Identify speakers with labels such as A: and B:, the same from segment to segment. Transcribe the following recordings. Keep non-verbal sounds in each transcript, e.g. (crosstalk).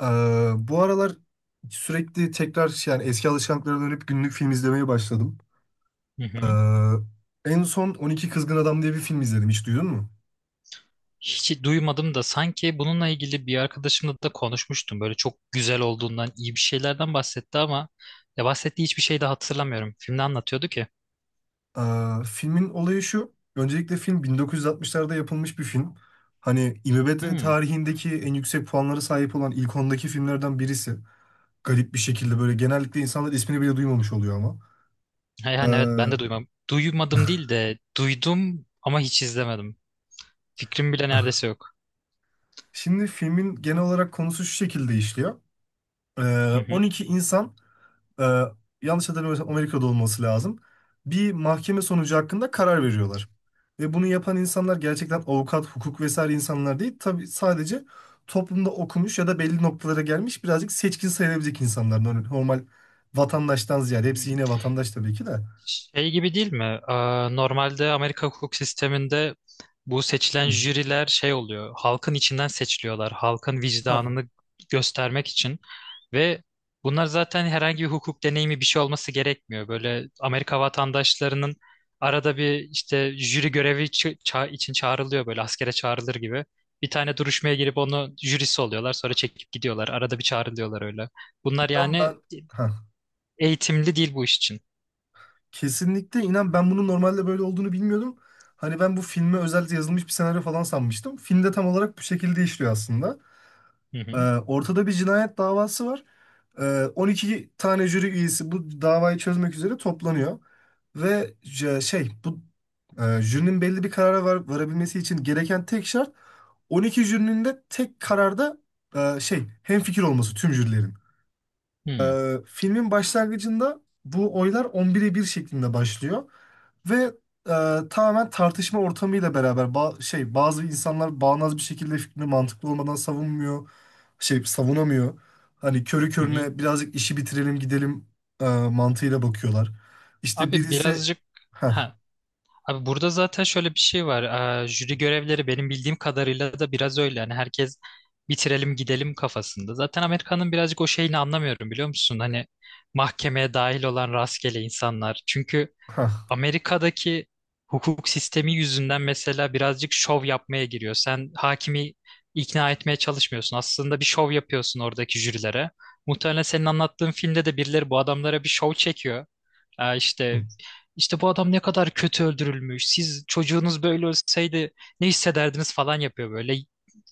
A: Ee, bu aralar sürekli tekrar yani eski alışkanlıklara dönüp günlük film izlemeye başladım.
B: Hı hı.
A: Ee, en son 12 Kızgın Adam diye bir film izledim. Hiç duydun mu?
B: Hiç duymadım da sanki bununla ilgili bir arkadaşımla da konuşmuştum. Böyle çok güzel olduğundan, iyi bir şeylerden bahsetti ama ya bahsettiği hiçbir şey de hatırlamıyorum. Filmde anlatıyordu ki.
A: Filmin olayı şu. Öncelikle film 1960'larda yapılmış bir film. Hani IMDb
B: Hmm.
A: tarihindeki en yüksek puanlara sahip olan ilk ondaki filmlerden birisi. Garip bir şekilde böyle genellikle insanlar ismini bile duymamış oluyor ama.
B: Ha, yani evet
A: Ee,
B: ben de duymam. Duymadım değil de duydum ama hiç izlemedim. Fikrim bile
A: (laughs)
B: neredeyse yok.
A: şimdi filmin genel olarak konusu şu şekilde işliyor. Ee,
B: Hı hı.
A: 12 insan, e, yanlış hatırlamıyorsam Amerika'da olması lazım. Bir mahkeme sonucu hakkında karar veriyorlar. Ve bunu yapan insanlar gerçekten avukat, hukuk vesaire insanlar değil. Tabii sadece toplumda okumuş ya da belli noktalara gelmiş birazcık seçkin sayılabilecek insanlar. Normal vatandaştan ziyade. Hepsi yine vatandaş tabii ki de.
B: Şey gibi değil mi? Normalde Amerika hukuk sisteminde bu seçilen
A: Hı.
B: jüriler şey oluyor. Halkın içinden seçiliyorlar. Halkın
A: Ha,
B: vicdanını göstermek için. Ve bunlar zaten herhangi bir hukuk deneyimi bir şey olması gerekmiyor. Böyle Amerika vatandaşlarının arada bir işte jüri görevi için çağrılıyor böyle askere çağrılır gibi. Bir tane duruşmaya girip onu jürisi oluyorlar. Sonra çekip gidiyorlar. Arada bir çağrılıyorlar öyle. Bunlar
A: inan
B: yani
A: ben ha,
B: eğitimli değil bu iş için.
A: kesinlikle inan ben bunun normalde böyle olduğunu bilmiyordum. Hani ben bu filme özel yazılmış bir senaryo falan sanmıştım. Filmde tam olarak bu şekilde işliyor aslında.
B: Hı
A: Ee,
B: hı.
A: ortada bir cinayet davası var. 12 tane jüri üyesi bu davayı çözmek üzere toplanıyor. Ve jürinin belli bir karara varabilmesi için gereken tek şart, 12 jürinin de tek kararda hemfikir olması, tüm jürilerin.
B: Hı
A: Filmin başlangıcında bu oylar 11'e bir şeklinde başlıyor ve tamamen tartışma ortamıyla beraber bazı insanlar bağnaz bir şekilde fikrini mantıklı olmadan savunmuyor. Savunamıyor. Hani körü
B: hı.
A: körüne birazcık işi bitirelim gidelim mantığıyla bakıyorlar. İşte
B: Abi
A: birisi.
B: birazcık,
A: Ha,
B: ha, abi burada zaten şöyle bir şey var. Jüri görevleri benim bildiğim kadarıyla da biraz öyle. Hani herkes bitirelim gidelim kafasında. Zaten Amerika'nın birazcık o şeyini anlamıyorum biliyor musun? Hani mahkemeye dahil olan rastgele insanlar. Çünkü
A: ha,
B: Amerika'daki hukuk sistemi yüzünden mesela birazcık şov yapmaya giriyor. Sen hakimi ikna etmeye çalışmıyorsun. Aslında bir şov yapıyorsun oradaki jürilere. Muhtemelen senin anlattığın filmde de birileri bu adamlara bir şov çekiyor. İşte işte bu adam ne kadar kötü öldürülmüş. Siz çocuğunuz böyle ölseydi ne hissederdiniz falan yapıyor böyle.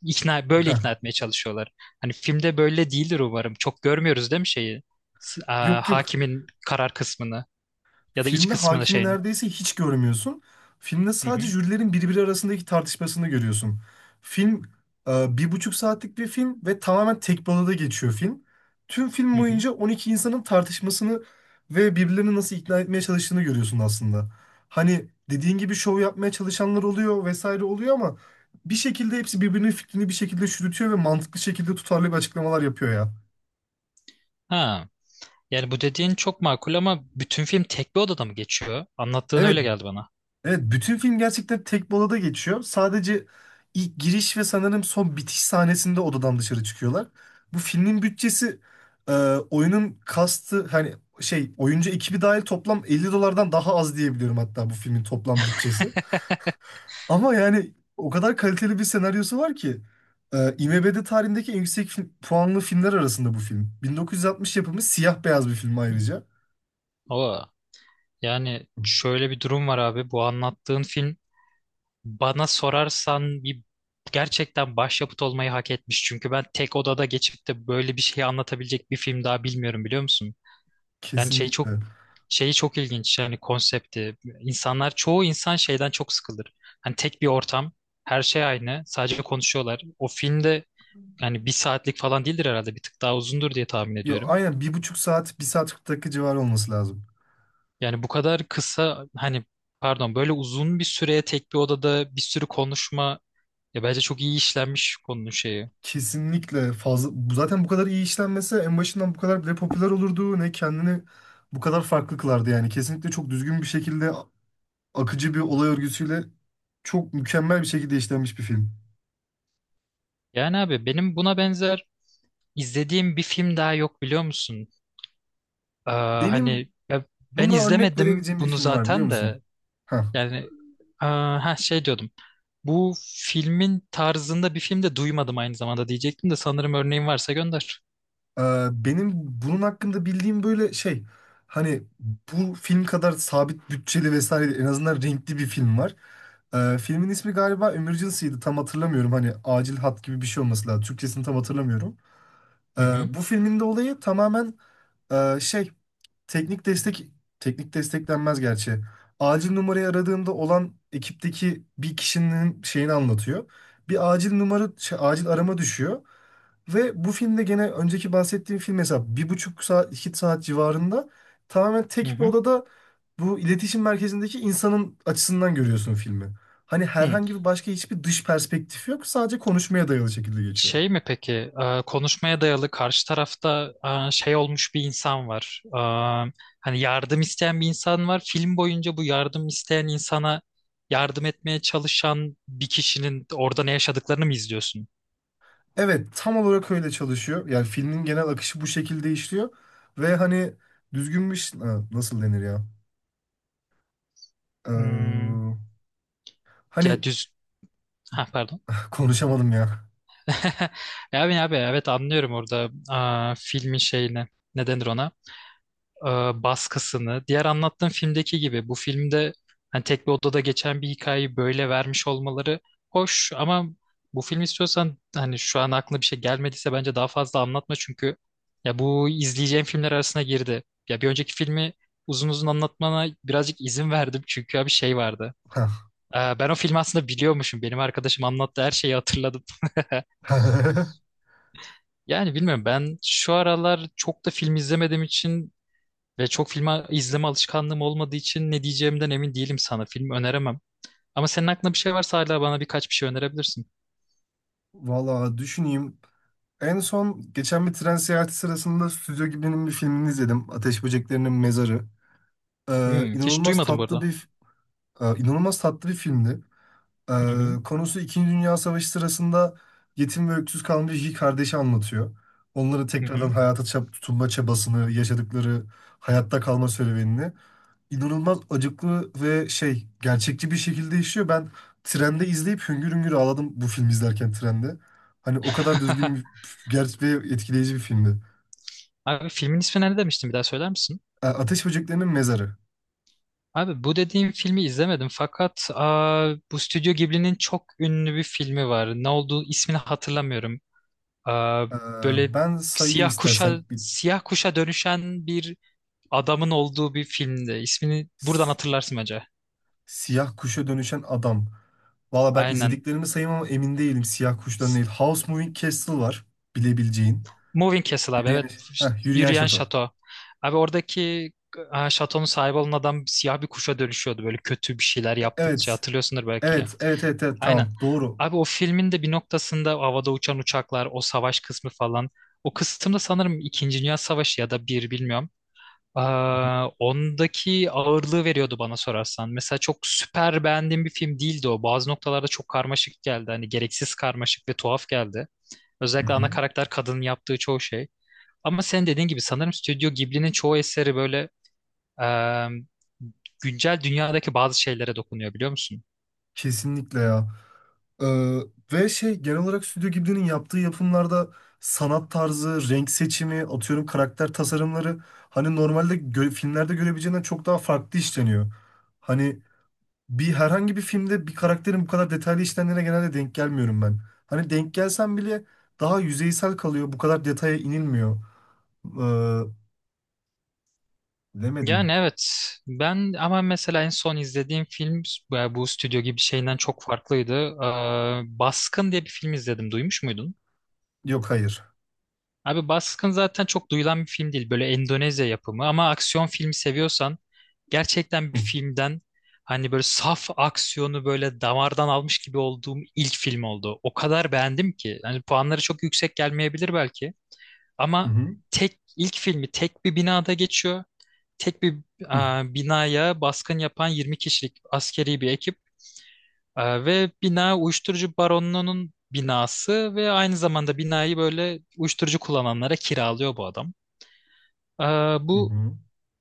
B: Böyle
A: ha.
B: ikna etmeye çalışıyorlar. Hani filmde böyle değildir umarım. Çok görmüyoruz değil mi şeyi? S- aa,
A: Yok, yok.
B: hakimin karar kısmını ya da iç
A: Filmde
B: kısmını
A: hakimi
B: şeyin.
A: neredeyse hiç görmüyorsun. Filmde
B: Hı hı,
A: sadece jürilerin birbiri arasındaki tartışmasını görüyorsun. Film, bir buçuk saatlik bir film ve tamamen tek bir odada geçiyor film. Tüm film
B: hı hı.
A: boyunca 12 insanın tartışmasını ve birbirlerini nasıl ikna etmeye çalıştığını görüyorsun aslında. Hani dediğin gibi şov yapmaya çalışanlar oluyor vesaire oluyor, ama bir şekilde hepsi birbirinin fikrini bir şekilde çürütüyor ve mantıklı şekilde tutarlı bir açıklamalar yapıyor ya.
B: Ha, yani bu dediğin çok makul ama bütün film tek bir odada mı geçiyor? Anlattığın
A: Evet
B: öyle geldi bana.
A: Evet, bütün film gerçekten tek bir odada geçiyor. Sadece ilk giriş ve sanırım son bitiş sahnesinde odadan dışarı çıkıyorlar. Bu filmin bütçesi, e, oyunun kastı, hani oyuncu ekibi dahil, toplam 50 dolardan daha az diyebiliyorum, hatta bu filmin toplam bütçesi. Ama yani o kadar kaliteli bir senaryosu var ki, IMDb tarihindeki en yüksek puanlı filmler arasında bu film. 1960 yapımı siyah beyaz bir film ayrıca.
B: Oo, yani şöyle bir durum var abi. Bu anlattığın film bana sorarsan bir gerçekten başyapıt olmayı hak etmiş. Çünkü ben tek odada geçip de böyle bir şey anlatabilecek bir film daha bilmiyorum biliyor musun? Yani şey çok
A: Kesinlikle.
B: şeyi çok ilginç, yani konsepti. İnsanlar, çoğu insan şeyden çok sıkılır. Hani tek bir ortam, her şey aynı, sadece konuşuyorlar. O filmde, yani bir saatlik falan değildir herhalde. Bir tık daha uzundur diye tahmin
A: Yo,
B: ediyorum.
A: aynen, bir buçuk saat, bir saat 40 dakika civarı olması lazım.
B: Yani bu kadar kısa, hani pardon, böyle uzun bir süreye tek bir odada bir sürü konuşma, ya bence çok iyi işlenmiş konunun şeyi.
A: Kesinlikle fazla zaten bu kadar iyi işlenmese, en başından bu kadar bile popüler olurdu, ne kendini bu kadar farklı kılardı. Yani kesinlikle çok düzgün bir şekilde, akıcı bir olay örgüsüyle, çok mükemmel bir şekilde işlenmiş bir film.
B: Yani abi benim buna benzer izlediğim bir film daha yok biliyor musun?
A: Benim
B: Hani ya ben
A: buna örnek
B: izlemedim
A: verebileceğim bir
B: bunu
A: film var, biliyor
B: zaten
A: musun?
B: de,
A: Heh.
B: yani ha şey diyordum. Bu filmin tarzında bir film de duymadım aynı zamanda diyecektim, de sanırım örneğin varsa gönder.
A: Benim bunun hakkında bildiğim böyle şey, hani bu film kadar sabit bütçeli vesaire değil, en azından renkli bir film var. Filmin ismi galiba Emergency'ydi, tam hatırlamıyorum, hani acil hat gibi bir şey olması lazım. Türkçesini tam hatırlamıyorum. Ee,
B: Hı hı.
A: bu filmin de olayı tamamen e, şey teknik destek. Teknik destek denmez gerçi. Acil numarayı aradığımda olan ekipteki bir kişinin şeyini anlatıyor. Bir acil acil arama düşüyor. Ve bu filmde, gene önceki bahsettiğim film, mesela bir buçuk saat iki saat civarında, tamamen
B: Hı
A: tek bir
B: hı.
A: odada, bu iletişim merkezindeki insanın açısından görüyorsun filmi. Hani
B: Hı.
A: herhangi bir başka hiçbir dış perspektif yok. Sadece konuşmaya dayalı şekilde geçiyor.
B: Şey mi peki konuşmaya dayalı karşı tarafta şey olmuş bir insan var. Hani yardım isteyen bir insan var. Film boyunca bu yardım isteyen insana yardım etmeye çalışan bir kişinin orada ne yaşadıklarını mı izliyorsun?
A: Evet, tam olarak öyle çalışıyor. Yani filmin genel akışı bu şekilde işliyor. Ve hani düzgün bir. Ha, nasıl denir ya?
B: Hmm,
A: Ee,
B: ya
A: hani
B: düz... Ha pardon.
A: (laughs) konuşamadım ya.
B: (laughs) Ya abi abi evet anlıyorum orada filmin şeyini. Ne denir ona? e, baskısını, diğer anlattığım filmdeki gibi bu filmde hani tek bir odada geçen bir hikayeyi böyle vermiş olmaları hoş ama bu film istiyorsan, hani şu an aklına bir şey gelmediyse bence daha fazla anlatma çünkü ya bu izleyeceğim filmler arasına girdi. Ya bir önceki filmi uzun uzun anlatmana birazcık izin verdim çünkü ya bir şey vardı.
A: Hah.
B: Ben o filmi aslında biliyormuşum. Benim arkadaşım anlattı, her şeyi hatırladım. (laughs)
A: (laughs)
B: Yani bilmiyorum, ben şu aralar çok da film izlemediğim için ve çok film izleme alışkanlığım olmadığı için ne diyeceğimden emin değilim sana. Film öneremem. Ama senin aklında bir şey varsa hala bana birkaç bir şey önerebilirsin.
A: Valla düşüneyim. En son geçen bir tren seyahati sırasında Stüdyo Ghibli'nin bir filmini izledim. Ateş Böceklerinin Mezarı.
B: Hiç
A: İnanılmaz
B: duymadım bu
A: tatlı
B: arada.
A: bir... e, inanılmaz tatlı bir filmdi.
B: Hı hı,
A: Ee, Konusu, İkinci Dünya Savaşı sırasında yetim ve öksüz kalmış iki kardeşi anlatıyor. Onların
B: hı
A: tekrardan
B: hı.
A: hayata tutunma çabasını, yaşadıkları hayatta kalma serüvenini inanılmaz acıklı ve gerçekçi bir şekilde işliyor. Ben trende izleyip hüngür hüngür ağladım bu filmi izlerken trende. Hani o kadar düzgün bir,
B: (laughs)
A: gerçek ve etkileyici bir filmdi.
B: Abi filmin ismi ne demiştin bir daha söyler misin?
A: Ateş Böceklerinin Mezarı.
B: Abi bu dediğim filmi izlemedim fakat bu Stüdyo Ghibli'nin çok ünlü bir filmi var. Ne olduğu ismini hatırlamıyorum. Aa,
A: Ee,
B: böyle
A: ben sayayım
B: siyah
A: istersen.
B: kuşa siyah kuşa dönüşen bir adamın olduğu bir filmdi. İsmini buradan hatırlarsın acaba?
A: Siyah kuşa dönüşen adam. Valla ben
B: Aynen.
A: izlediklerimi sayayım ama emin değilim, siyah kuşların değil. House Moving Castle var, bilebileceğin.
B: Moving Castle abi, evet.
A: Yürüyen,
B: İşte
A: yürüyen
B: Yürüyen
A: şato.
B: Şato. Abi oradaki şatonun sahibi olan adam siyah bir kuşa dönüşüyordu böyle, kötü bir şeyler yaptıkça
A: Evet.
B: hatırlıyorsundur belki.
A: Evet, evet, evet, evet,
B: Aynen.
A: tamam. Doğru.
B: Abi o filmin de bir noktasında havada uçan uçaklar, o savaş kısmı falan. O kısımda sanırım İkinci Dünya Savaşı ya da bir bilmiyorum. Ondaki ağırlığı veriyordu bana sorarsan. Mesela çok süper beğendiğim bir film değildi o. Bazı noktalarda çok karmaşık geldi. Hani gereksiz karmaşık ve tuhaf geldi.
A: Hı
B: Özellikle ana
A: hı.
B: karakter kadının yaptığı çoğu şey. Ama sen dediğin gibi sanırım Stüdyo Ghibli'nin çoğu eseri böyle e, güncel dünyadaki bazı şeylere dokunuyor biliyor musun?
A: Kesinlikle ya. Ee, Ve genel olarak Stüdyo Ghibli'nin yaptığı yapımlarda sanat tarzı, renk seçimi, atıyorum karakter tasarımları, hani normalde filmlerde görebileceğinden çok daha farklı işleniyor. Hani herhangi bir filmde bir karakterin bu kadar detaylı işlendiğine genelde denk gelmiyorum ben. Hani denk gelsem bile daha yüzeysel kalıyor. Bu kadar detaya inilmiyor. Ee, Demedim.
B: Yani evet. Ben ama mesela en son izlediğim film bu Stüdyo Ghibli şeyinden çok farklıydı. Baskın diye bir film izledim. Duymuş muydun?
A: Yok, hayır.
B: Abi Baskın zaten çok duyulan bir film değil. Böyle Endonezya yapımı ama aksiyon filmi seviyorsan gerçekten
A: Hı
B: bir filmden, hani böyle saf aksiyonu böyle damardan almış gibi olduğum ilk film oldu. O kadar beğendim ki. Hani puanları çok yüksek gelmeyebilir belki ama
A: hı,
B: tek ilk filmi tek bir binada geçiyor. Tek bir
A: hı
B: binaya baskın yapan 20 kişilik askeri bir ekip, ve bina uyuşturucu baronunun binası ve aynı zamanda binayı böyle uyuşturucu kullananlara kiralıyor bu adam. Ee,
A: hı,
B: bu
A: hı.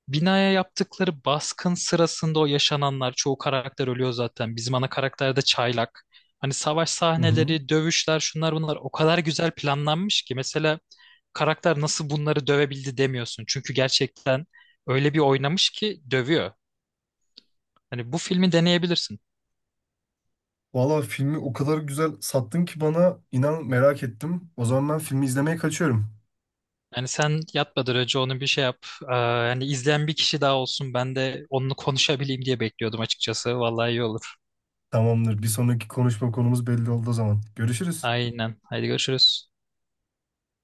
B: binaya yaptıkları baskın sırasında o yaşananlar, çoğu karakter ölüyor zaten. Bizim ana karakter de çaylak. Hani savaş
A: Hı.
B: sahneleri, dövüşler, şunlar bunlar o kadar güzel planlanmış ki mesela karakter nasıl bunları dövebildi demiyorsun. Çünkü gerçekten öyle bir oynamış ki dövüyor. Hani bu filmi deneyebilirsin.
A: Valla filmi o kadar güzel sattın ki bana, inan merak ettim. O zaman ben filmi izlemeye kaçıyorum.
B: Yani sen yatmadan önce onun bir şey yap. Yani izleyen bir kişi daha olsun. Ben de onunla konuşabileyim diye bekliyordum açıkçası. Vallahi iyi olur.
A: Tamamdır. Bir sonraki konuşma konumuz belli oldu o zaman. Görüşürüz.
B: Aynen. Haydi görüşürüz.